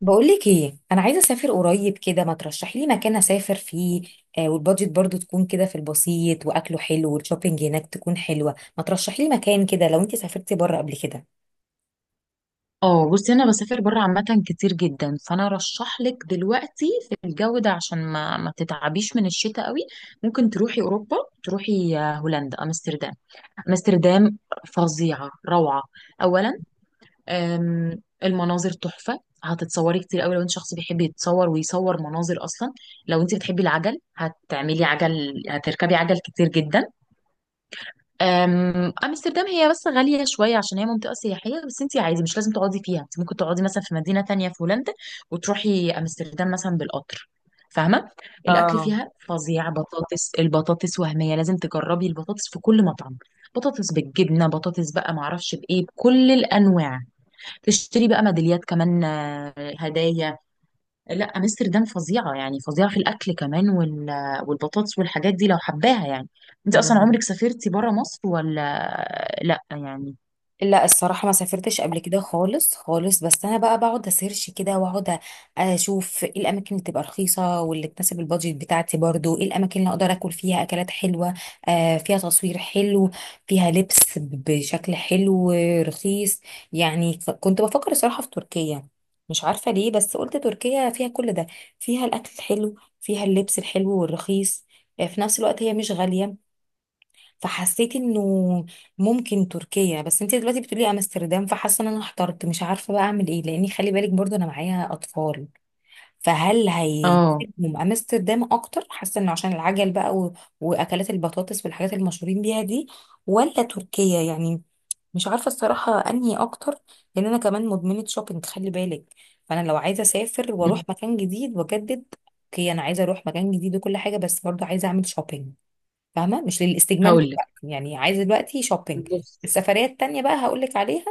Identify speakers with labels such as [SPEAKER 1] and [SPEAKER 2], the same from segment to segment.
[SPEAKER 1] بقولك ايه، انا عايزه اسافر قريب كده. ما ترشحي لي مكان اسافر فيه. آه، والبادجت برضو تكون كده في البسيط، واكله حلو، والشوبينج هناك تكون حلوه. ما ترشحي لي مكان كده لو انت سافرتي بره قبل كده.
[SPEAKER 2] اه، بصي انا بسافر بره عامه كتير جدا. فانا ارشح لك دلوقتي في الجو ده عشان ما تتعبيش من الشتاء قوي. ممكن تروحي اوروبا. تروحي هولندا، امستردام. امستردام فظيعه، روعه. اولا المناظر تحفه، هتتصوري كتير قوي لو انت شخص بيحب يتصور ويصور مناظر اصلا. لو انت بتحبي العجل هتعملي عجل، هتركبي عجل كتير جدا. امستردام هي بس غالية شوية عشان هي منطقة سياحية، بس انت عادي مش لازم تقعدي فيها، انت ممكن تقعدي مثلا في مدينة تانية في هولندا وتروحي امستردام مثلا بالقطر. فاهمة؟ الاكل
[SPEAKER 1] اه
[SPEAKER 2] فيها فظيع، بطاطس، البطاطس وهمية، لازم تجربي البطاطس في كل مطعم. بطاطس بالجبنة، بطاطس، بقى معرفش بايه، بكل الانواع. تشتري بقى ميداليات كمان، هدايا. لا، امستردام فظيعه يعني، فظيعه في الاكل كمان، والبطاطس والحاجات دي لو حباها يعني. انت اصلا عمرك سافرتي بره مصر ولا لا؟ يعني
[SPEAKER 1] لا، الصراحة ما سافرتش قبل كده خالص خالص، بس أنا بقى بقعد أسيرش كده وأقعد أشوف إيه الأماكن اللي تبقى رخيصة واللي تناسب البادجت بتاعتي، برضو إيه الأماكن اللي أقدر أكل فيها أكلات حلوة. آه، فيها تصوير حلو، فيها لبس بشكل حلو، رخيص. يعني كنت بفكر الصراحة في تركيا. مش عارفة ليه، بس قلت تركيا فيها كل ده. فيها الأكل الحلو، فيها اللبس الحلو والرخيص. آه، في نفس الوقت هي مش غالية. فحسيت انه ممكن تركيا، بس انت دلوقتي بتقولي امستردام، فحاسه ان انا احترت، مش عارفه بقى اعمل ايه، لاني خلي بالك برضو انا معايا اطفال. فهل
[SPEAKER 2] اه.
[SPEAKER 1] هيسيبهم امستردام اكتر؟ حاسه انه عشان العجل بقى واكلات البطاطس والحاجات المشهورين بيها دي، ولا تركيا يعني؟ مش عارفه الصراحه انهي اكتر. لان انا كمان مدمنه شوبينج، خلي بالك. فانا لو عايزه اسافر واروح مكان جديد واجدد، اوكي انا عايزه اروح مكان جديد وكل حاجه، بس برضو عايزه اعمل شوبينج. فاهمه؟ مش للاستجمام
[SPEAKER 2] هقول لك،
[SPEAKER 1] دلوقتي، يعني عايزه دلوقتي شوبينج.
[SPEAKER 2] بص.
[SPEAKER 1] السفريه التانية بقى هقول لك عليها،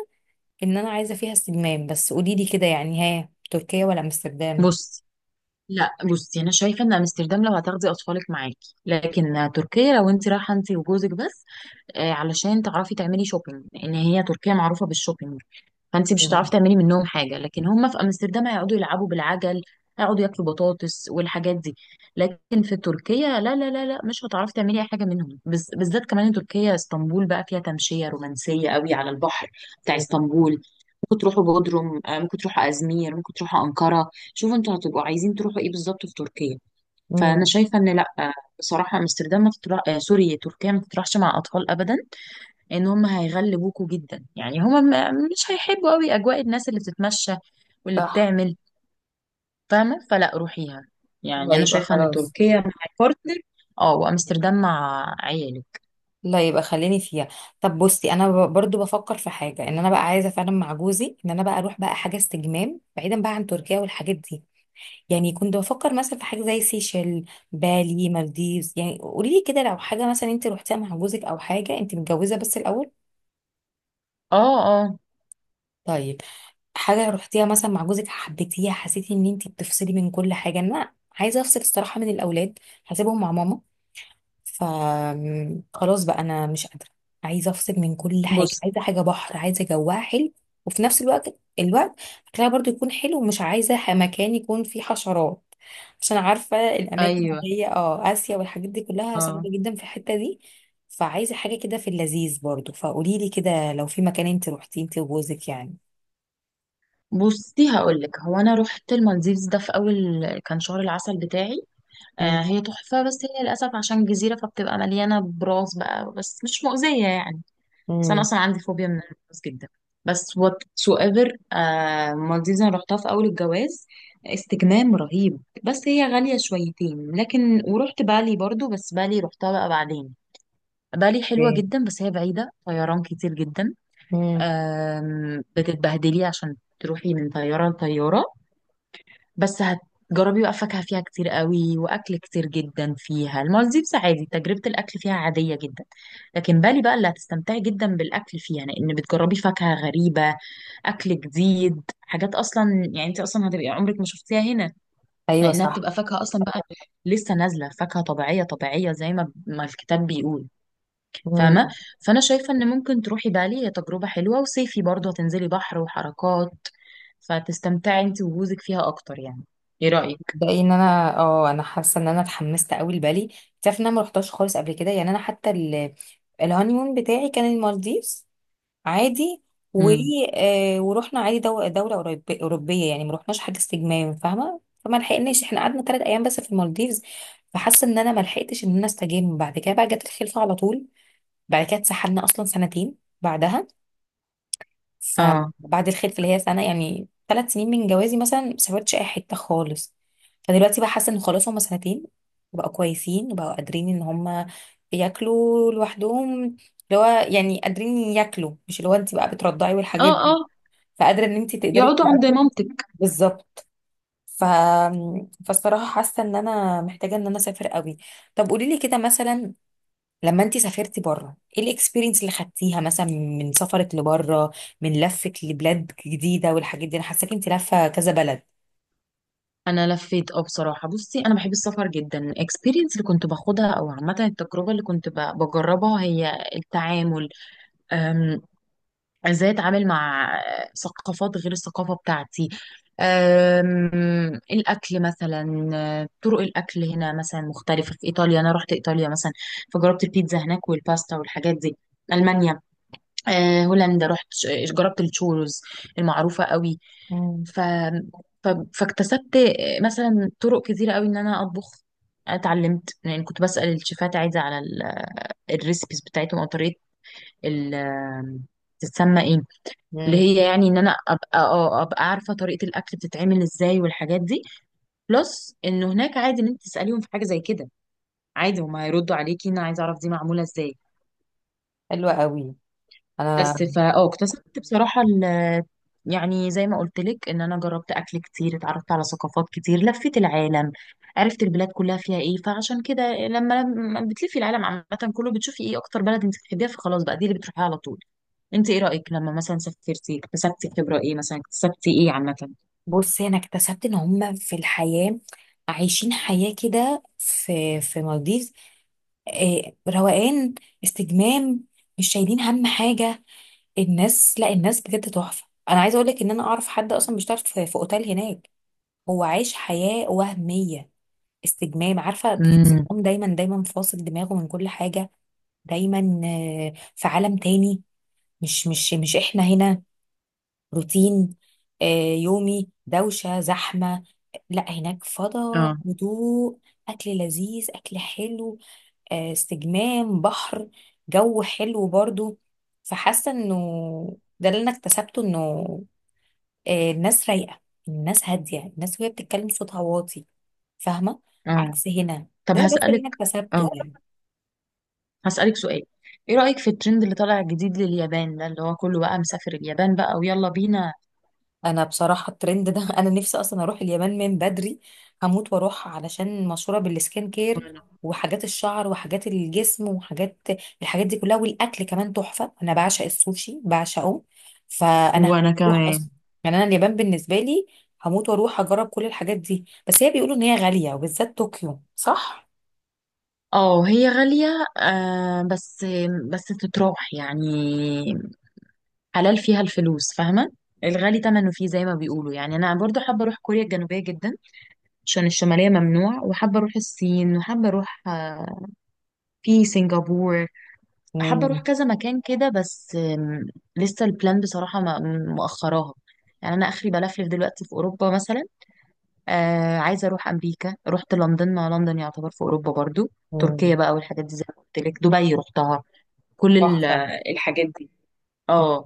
[SPEAKER 1] ان انا عايزه فيها استجمام. بس قولي لي كده يعني، ها، تركيا ولا امستردام؟
[SPEAKER 2] بصي، لا بصي، انا شايفه ان امستردام لو هتاخدي اطفالك معاكي، لكن تركيا لو انت رايحه انت وجوزك بس. علشان تعرفي تعملي شوبينج، ان هي تركيا معروفه بالشوبينج، فانت مش
[SPEAKER 1] مم.
[SPEAKER 2] هتعرفي تعملي منهم حاجه، لكن هم في امستردام هيقعدوا يلعبوا بالعجل، هيقعدوا ياكلوا بطاطس والحاجات دي. لكن في تركيا، لا لا لا لا، مش هتعرفي تعملي اي حاجه منهم، بالذات كمان إن تركيا، اسطنبول بقى، فيها تمشيه رومانسيه قوي على البحر بتاع اسطنبول. ممكن تروحوا بودروم، ممكن تروحوا ازمير، ممكن تروحوا انقره، شوفوا انتوا هتبقوا عايزين تروحوا ايه بالظبط في تركيا. فانا
[SPEAKER 1] مم.
[SPEAKER 2] شايفه ان لا، بصراحه امستردام ما تطلع... آه، سوري، تركيا ما تطرحش مع اطفال ابدا، ان هم هيغلبوكوا جدا. يعني هم مش هيحبوا قوي اجواء الناس اللي بتتمشى واللي
[SPEAKER 1] صح.
[SPEAKER 2] بتعمل. فاهمه؟ فلا، روحيها.
[SPEAKER 1] لا
[SPEAKER 2] يعني انا
[SPEAKER 1] يبقى
[SPEAKER 2] شايفه ان
[SPEAKER 1] خلاص.
[SPEAKER 2] تركيا مع بارتنر، اه، وامستردام مع عيالك.
[SPEAKER 1] لا يبقى خليني فيها. طب بصي، انا برضو بفكر في حاجه، ان انا بقى عايزه فعلا مع جوزي، ان انا بقى اروح بقى حاجه استجمام بعيدا بقى عن تركيا والحاجات دي. يعني كنت بفكر مثلا في حاجه زي سيشل، بالي، مالديفز. يعني قولي لي كده لو حاجه مثلا انت روحتيها مع جوزك، او حاجه انت متجوزه بس الاول.
[SPEAKER 2] اه اه،
[SPEAKER 1] طيب، حاجة رحتيها مثلا مع جوزك حبيتيها، حسيتي ان انتي بتفصلي من كل حاجة. انا عايزة افصل الصراحة من الاولاد، هسيبهم مع ماما. ف خلاص بقى انا مش قادرة. عايزة افصل من كل حاجة،
[SPEAKER 2] بص.
[SPEAKER 1] عايزة حاجة بحر، عايزة جواها حلو، وفي نفس الوقت اكلها برضو يكون حلو، ومش عايزة مكان يكون فيه حشرات، عشان عارفة الاماكن
[SPEAKER 2] ايوه.
[SPEAKER 1] اللي هي اه اسيا والحاجات دي كلها صعبة
[SPEAKER 2] اه،
[SPEAKER 1] جدا في الحتة دي. فعايزة حاجة كده في اللذيذ برضو. فقوليلي كده لو في مكان انت روحتي انت وجوزك يعني.
[SPEAKER 2] بصي هقول لك، هو انا رحت المالديفز ده في اول، كان شهر العسل بتاعي. آه، هي تحفه، بس هي للاسف عشان جزيره فبتبقى مليانه براس بقى، بس مش مؤذيه يعني. بس انا
[SPEAKER 1] امم.
[SPEAKER 2] اصلا عندي فوبيا من الجواز جدا، بس whatsoever. آه، مالديفز انا رحتها في اول الجواز، استجمام رهيب، بس هي غالية شويتين. لكن ورحت بالي برضو، بس بالي رحتها بقى بعدين. بالي حلوة
[SPEAKER 1] اوكي.
[SPEAKER 2] جدا، بس هي بعيدة، طيران كتير جدا.
[SPEAKER 1] امم.
[SPEAKER 2] بتتبهدلي عشان تروحي من طيارة لطيارة، بس هتجربي بقى فاكهة فيها كتير قوي، وأكل كتير جدا فيها. المالديفز عادي، تجربة الأكل فيها عادية جدا، لكن بالي بقى اللي هتستمتعي جدا بالأكل فيها، لأن بتجربي فاكهة غريبة، أكل جديد، حاجات أصلا يعني أنت أصلا هتبقي عمرك ما شفتيها هنا،
[SPEAKER 1] ايوه
[SPEAKER 2] لأنها
[SPEAKER 1] صح.
[SPEAKER 2] بتبقى فاكهة أصلا بقى لسه نازلة، فاكهة طبيعية طبيعية زي ما الكتاب بيقول. فاهمة؟
[SPEAKER 1] امم.
[SPEAKER 2] فأنا شايفة إن ممكن تروحي بالي، هي تجربة حلوة، وصيفي برضه هتنزلي بحر وحركات، فتستمتعي أنت وجوزك فيها أكتر يعني. إيه رأيك؟
[SPEAKER 1] ده ان انا اه انا حاسه ان انا اتحمست قوي لبالي. تعرف ان انا ما رحتهاش خالص قبل كده، يعني انا حتى الهانيمون بتاعي كان المالديفز. عادي. و
[SPEAKER 2] امم،
[SPEAKER 1] آه ورحنا عادي دوله اوروبيه، يعني ما رحناش حاجه استجمام، فاهمه؟ فما لحقناش، احنا قعدنا 3 ايام بس في المالديفز. فحاسه ان انا ما لحقتش ان انا استجم، بعد كده بقى جت الخلفه على طول. بعد كده اتسحلنا اصلا سنتين بعدها.
[SPEAKER 2] اه
[SPEAKER 1] فبعد الخلفه، اللي هي سنه، يعني 3 سنين من جوازي مثلا ما سافرتش اي حته خالص. فدلوقتي بقى حاسه ان خلاص هما سنتين، بقوا كويسين وبقوا قادرين ان هما ياكلوا لوحدهم، اللي هو يعني قادرين ياكلوا، مش اللي هو انت بقى بترضعي
[SPEAKER 2] اه
[SPEAKER 1] والحاجات
[SPEAKER 2] اه،
[SPEAKER 1] دي. فقادره ان انت تقدري
[SPEAKER 2] يقعدوا عند مامتك.
[SPEAKER 1] بالظبط. ف... فالصراحه حاسه ان انا محتاجه ان انا اسافر قوي. طب قولي لي كده مثلا، لما انت سافرتي بره، ايه الاكسبيرينس اللي خدتيها مثلا من سفرك لبره؟ من لفك لبلاد جديده والحاجات دي، انا حاساكي انت لفه كذا بلد.
[SPEAKER 2] انا لفيت، اه، بصراحه بصي انا بحب السفر جدا. الاكسبيرينس اللي كنت باخدها، او عامه التجربه اللي كنت بجربها، هي التعامل. أم، ازاي اتعامل مع ثقافات غير الثقافه بتاعتي. الاكل مثلا، طرق الاكل هنا مثلا مختلفه. في ايطاليا انا رحت ايطاليا مثلا، فجربت البيتزا هناك والباستا والحاجات دي. المانيا، هولندا رحت، جربت الشوروز المعروفة قوي.
[SPEAKER 1] مم.
[SPEAKER 2] ف... ف... فاكتسبت مثلا طرق كتيرة قوي ان انا اطبخ. أنا اتعلمت، يعني كنت بسأل الشيفات، عايزة على الريسبيز بتاعتهم، او طريقة ال تتسمى ايه، اللي
[SPEAKER 1] امم.
[SPEAKER 2] هي يعني ان انا ابقى ابقى عارفة طريقة الاكل بتتعمل ازاي والحاجات دي. بلس انه هناك عادي ان انت تسأليهم في حاجة زي كده، عادي هما هيردوا عليكي. انا عايزة اعرف دي معمولة ازاي.
[SPEAKER 1] حلوه قوي. انا
[SPEAKER 2] بس فا اه، اكتسبت بصراحة يعني زي ما قلت لك، ان انا جربت اكل كتير، اتعرفت على ثقافات كتير، لفيت العالم، عرفت البلاد كلها فيها ايه. فعشان كده لما بتلفي العالم عامة كله، بتشوفي ايه اكتر بلد انت بتحبيها، فخلاص بقى دي اللي بتروحيها على طول. انت ايه رأيك، لما مثلا سافرتي اكتسبتي خبرة ايه مثلا، اكتسبتي ايه عامة؟
[SPEAKER 1] بصي انا اكتسبت ان هم في الحياه عايشين حياه كده، في مالديف، آه، روقان، استجمام، مش شايلين هم حاجه. الناس، لا، الناس بجد تحفه. انا عايزه اقول لك ان انا اعرف حد اصلا بيشتغل في اوتيل هناك، هو عايش حياه وهميه، استجمام. عارفة
[SPEAKER 2] امم،
[SPEAKER 1] تحسهم دايما دايما فاصل دماغه من كل حاجة؟ دايما آه، في عالم تاني، مش احنا هنا، روتين، آه، يومي، دوشة، زحمة. لا هناك فضاء،
[SPEAKER 2] اه
[SPEAKER 1] هدوء، أكل لذيذ، أكل حلو، آه، استجمام، بحر، جو حلو برضو. فحاسة انه ده اللي انا اكتسبته، انه آه، الناس رايقة، الناس هادية، الناس وهي بتتكلم صوتها واطي، فاهمة؟
[SPEAKER 2] اه.
[SPEAKER 1] عكس هنا.
[SPEAKER 2] طب
[SPEAKER 1] ده بس اللي
[SPEAKER 2] هسألك،
[SPEAKER 1] انا
[SPEAKER 2] اه،
[SPEAKER 1] اكتسبته يعني.
[SPEAKER 2] هسألك سؤال. ايه رأيك في الترند اللي طالع جديد لليابان ده، اللي هو كله بقى مسافر اليابان، بقى ويلا بينا.
[SPEAKER 1] انا بصراحة الترند ده انا نفسي اصلا اروح اليابان من بدري. هموت واروح، علشان مشهورة بالسكين كير، وحاجات الشعر، وحاجات الجسم، وحاجات. الحاجات دي كلها، والاكل كمان تحفة، انا بعشق السوشي، بعشقه. فانا هموت
[SPEAKER 2] وانا
[SPEAKER 1] واروح
[SPEAKER 2] كمان.
[SPEAKER 1] اصلا. يعني انا اليابان بالنسبة لي، هموت واروح اجرب كل الحاجات دي. بس هي بيقولوا ان هي غالية، وبالذات طوكيو، صح؟
[SPEAKER 2] اه هي غالية، آه، بس بس تتراح يعني، حلال فيها الفلوس، فاهمة؟ الغالي تمنه فيه زي ما بيقولوا يعني. انا برضو حابة اروح كوريا الجنوبية جدا، عشان الشمالية ممنوع. وحابة اروح الصين، وحابة اروح آه، في سنغافورة. حابة اروح كذا مكان كده، بس لسه البلان بصراحة مؤخراها، يعني انا اخري بلفلف دلوقتي في اوروبا مثلا. آه، عايزة أروح أمريكا. رحت لندن، مع لندن يعتبر في أوروبا برضو. تركيا
[SPEAKER 1] مم.
[SPEAKER 2] بقى والحاجات دي زي ما قلت لك، دبي رحتها، كل
[SPEAKER 1] تحفة.
[SPEAKER 2] الحاجات دي. اه،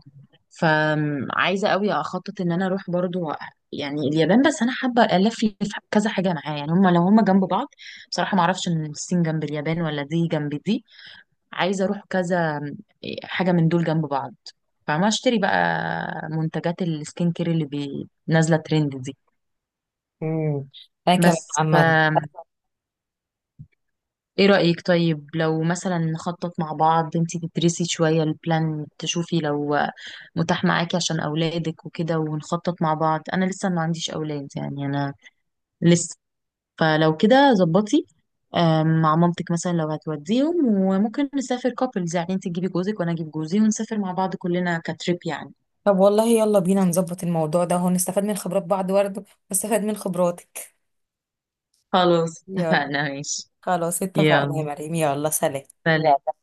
[SPEAKER 2] فعايزة قوي أخطط إن أنا أروح برضو، يعني اليابان. بس أنا حابة ألف لي في كذا حاجة معايا، يعني هما لو هما جنب بعض. بصراحة معرفش إن الصين جنب اليابان ولا دي جنب دي. عايزة أروح كذا، إيه، حاجة من دول جنب بعض، فما أشتري بقى منتجات السكين كير اللي نازلة ترند دي.
[SPEAKER 1] مم. أنا كمان
[SPEAKER 2] بس ف،
[SPEAKER 1] عامة.
[SPEAKER 2] ايه رأيك طيب لو مثلا نخطط مع بعض، انتي تدرسي شوية البلان، تشوفي لو متاح معاكي عشان اولادك وكده، ونخطط مع بعض. انا لسه ما عنديش اولاد يعني، انا لسه. فلو كده ظبطي مع مامتك مثلا لو هتوديهم، وممكن نسافر كابلز، يعني انتي تجيبي جوزك وانا اجيب جوزي ونسافر مع بعض كلنا كتريب يعني.
[SPEAKER 1] طب والله يلا بينا نظبط الموضوع ده، هو نستفاد من خبرات بعض برضه، واستفاد من خبراتك.
[SPEAKER 2] خلاص
[SPEAKER 1] يلا.
[SPEAKER 2] اتفقنا، ماشي.
[SPEAKER 1] خلاص اتفقنا يا
[SPEAKER 2] يلا
[SPEAKER 1] مريم، يلا سلام.
[SPEAKER 2] سلام.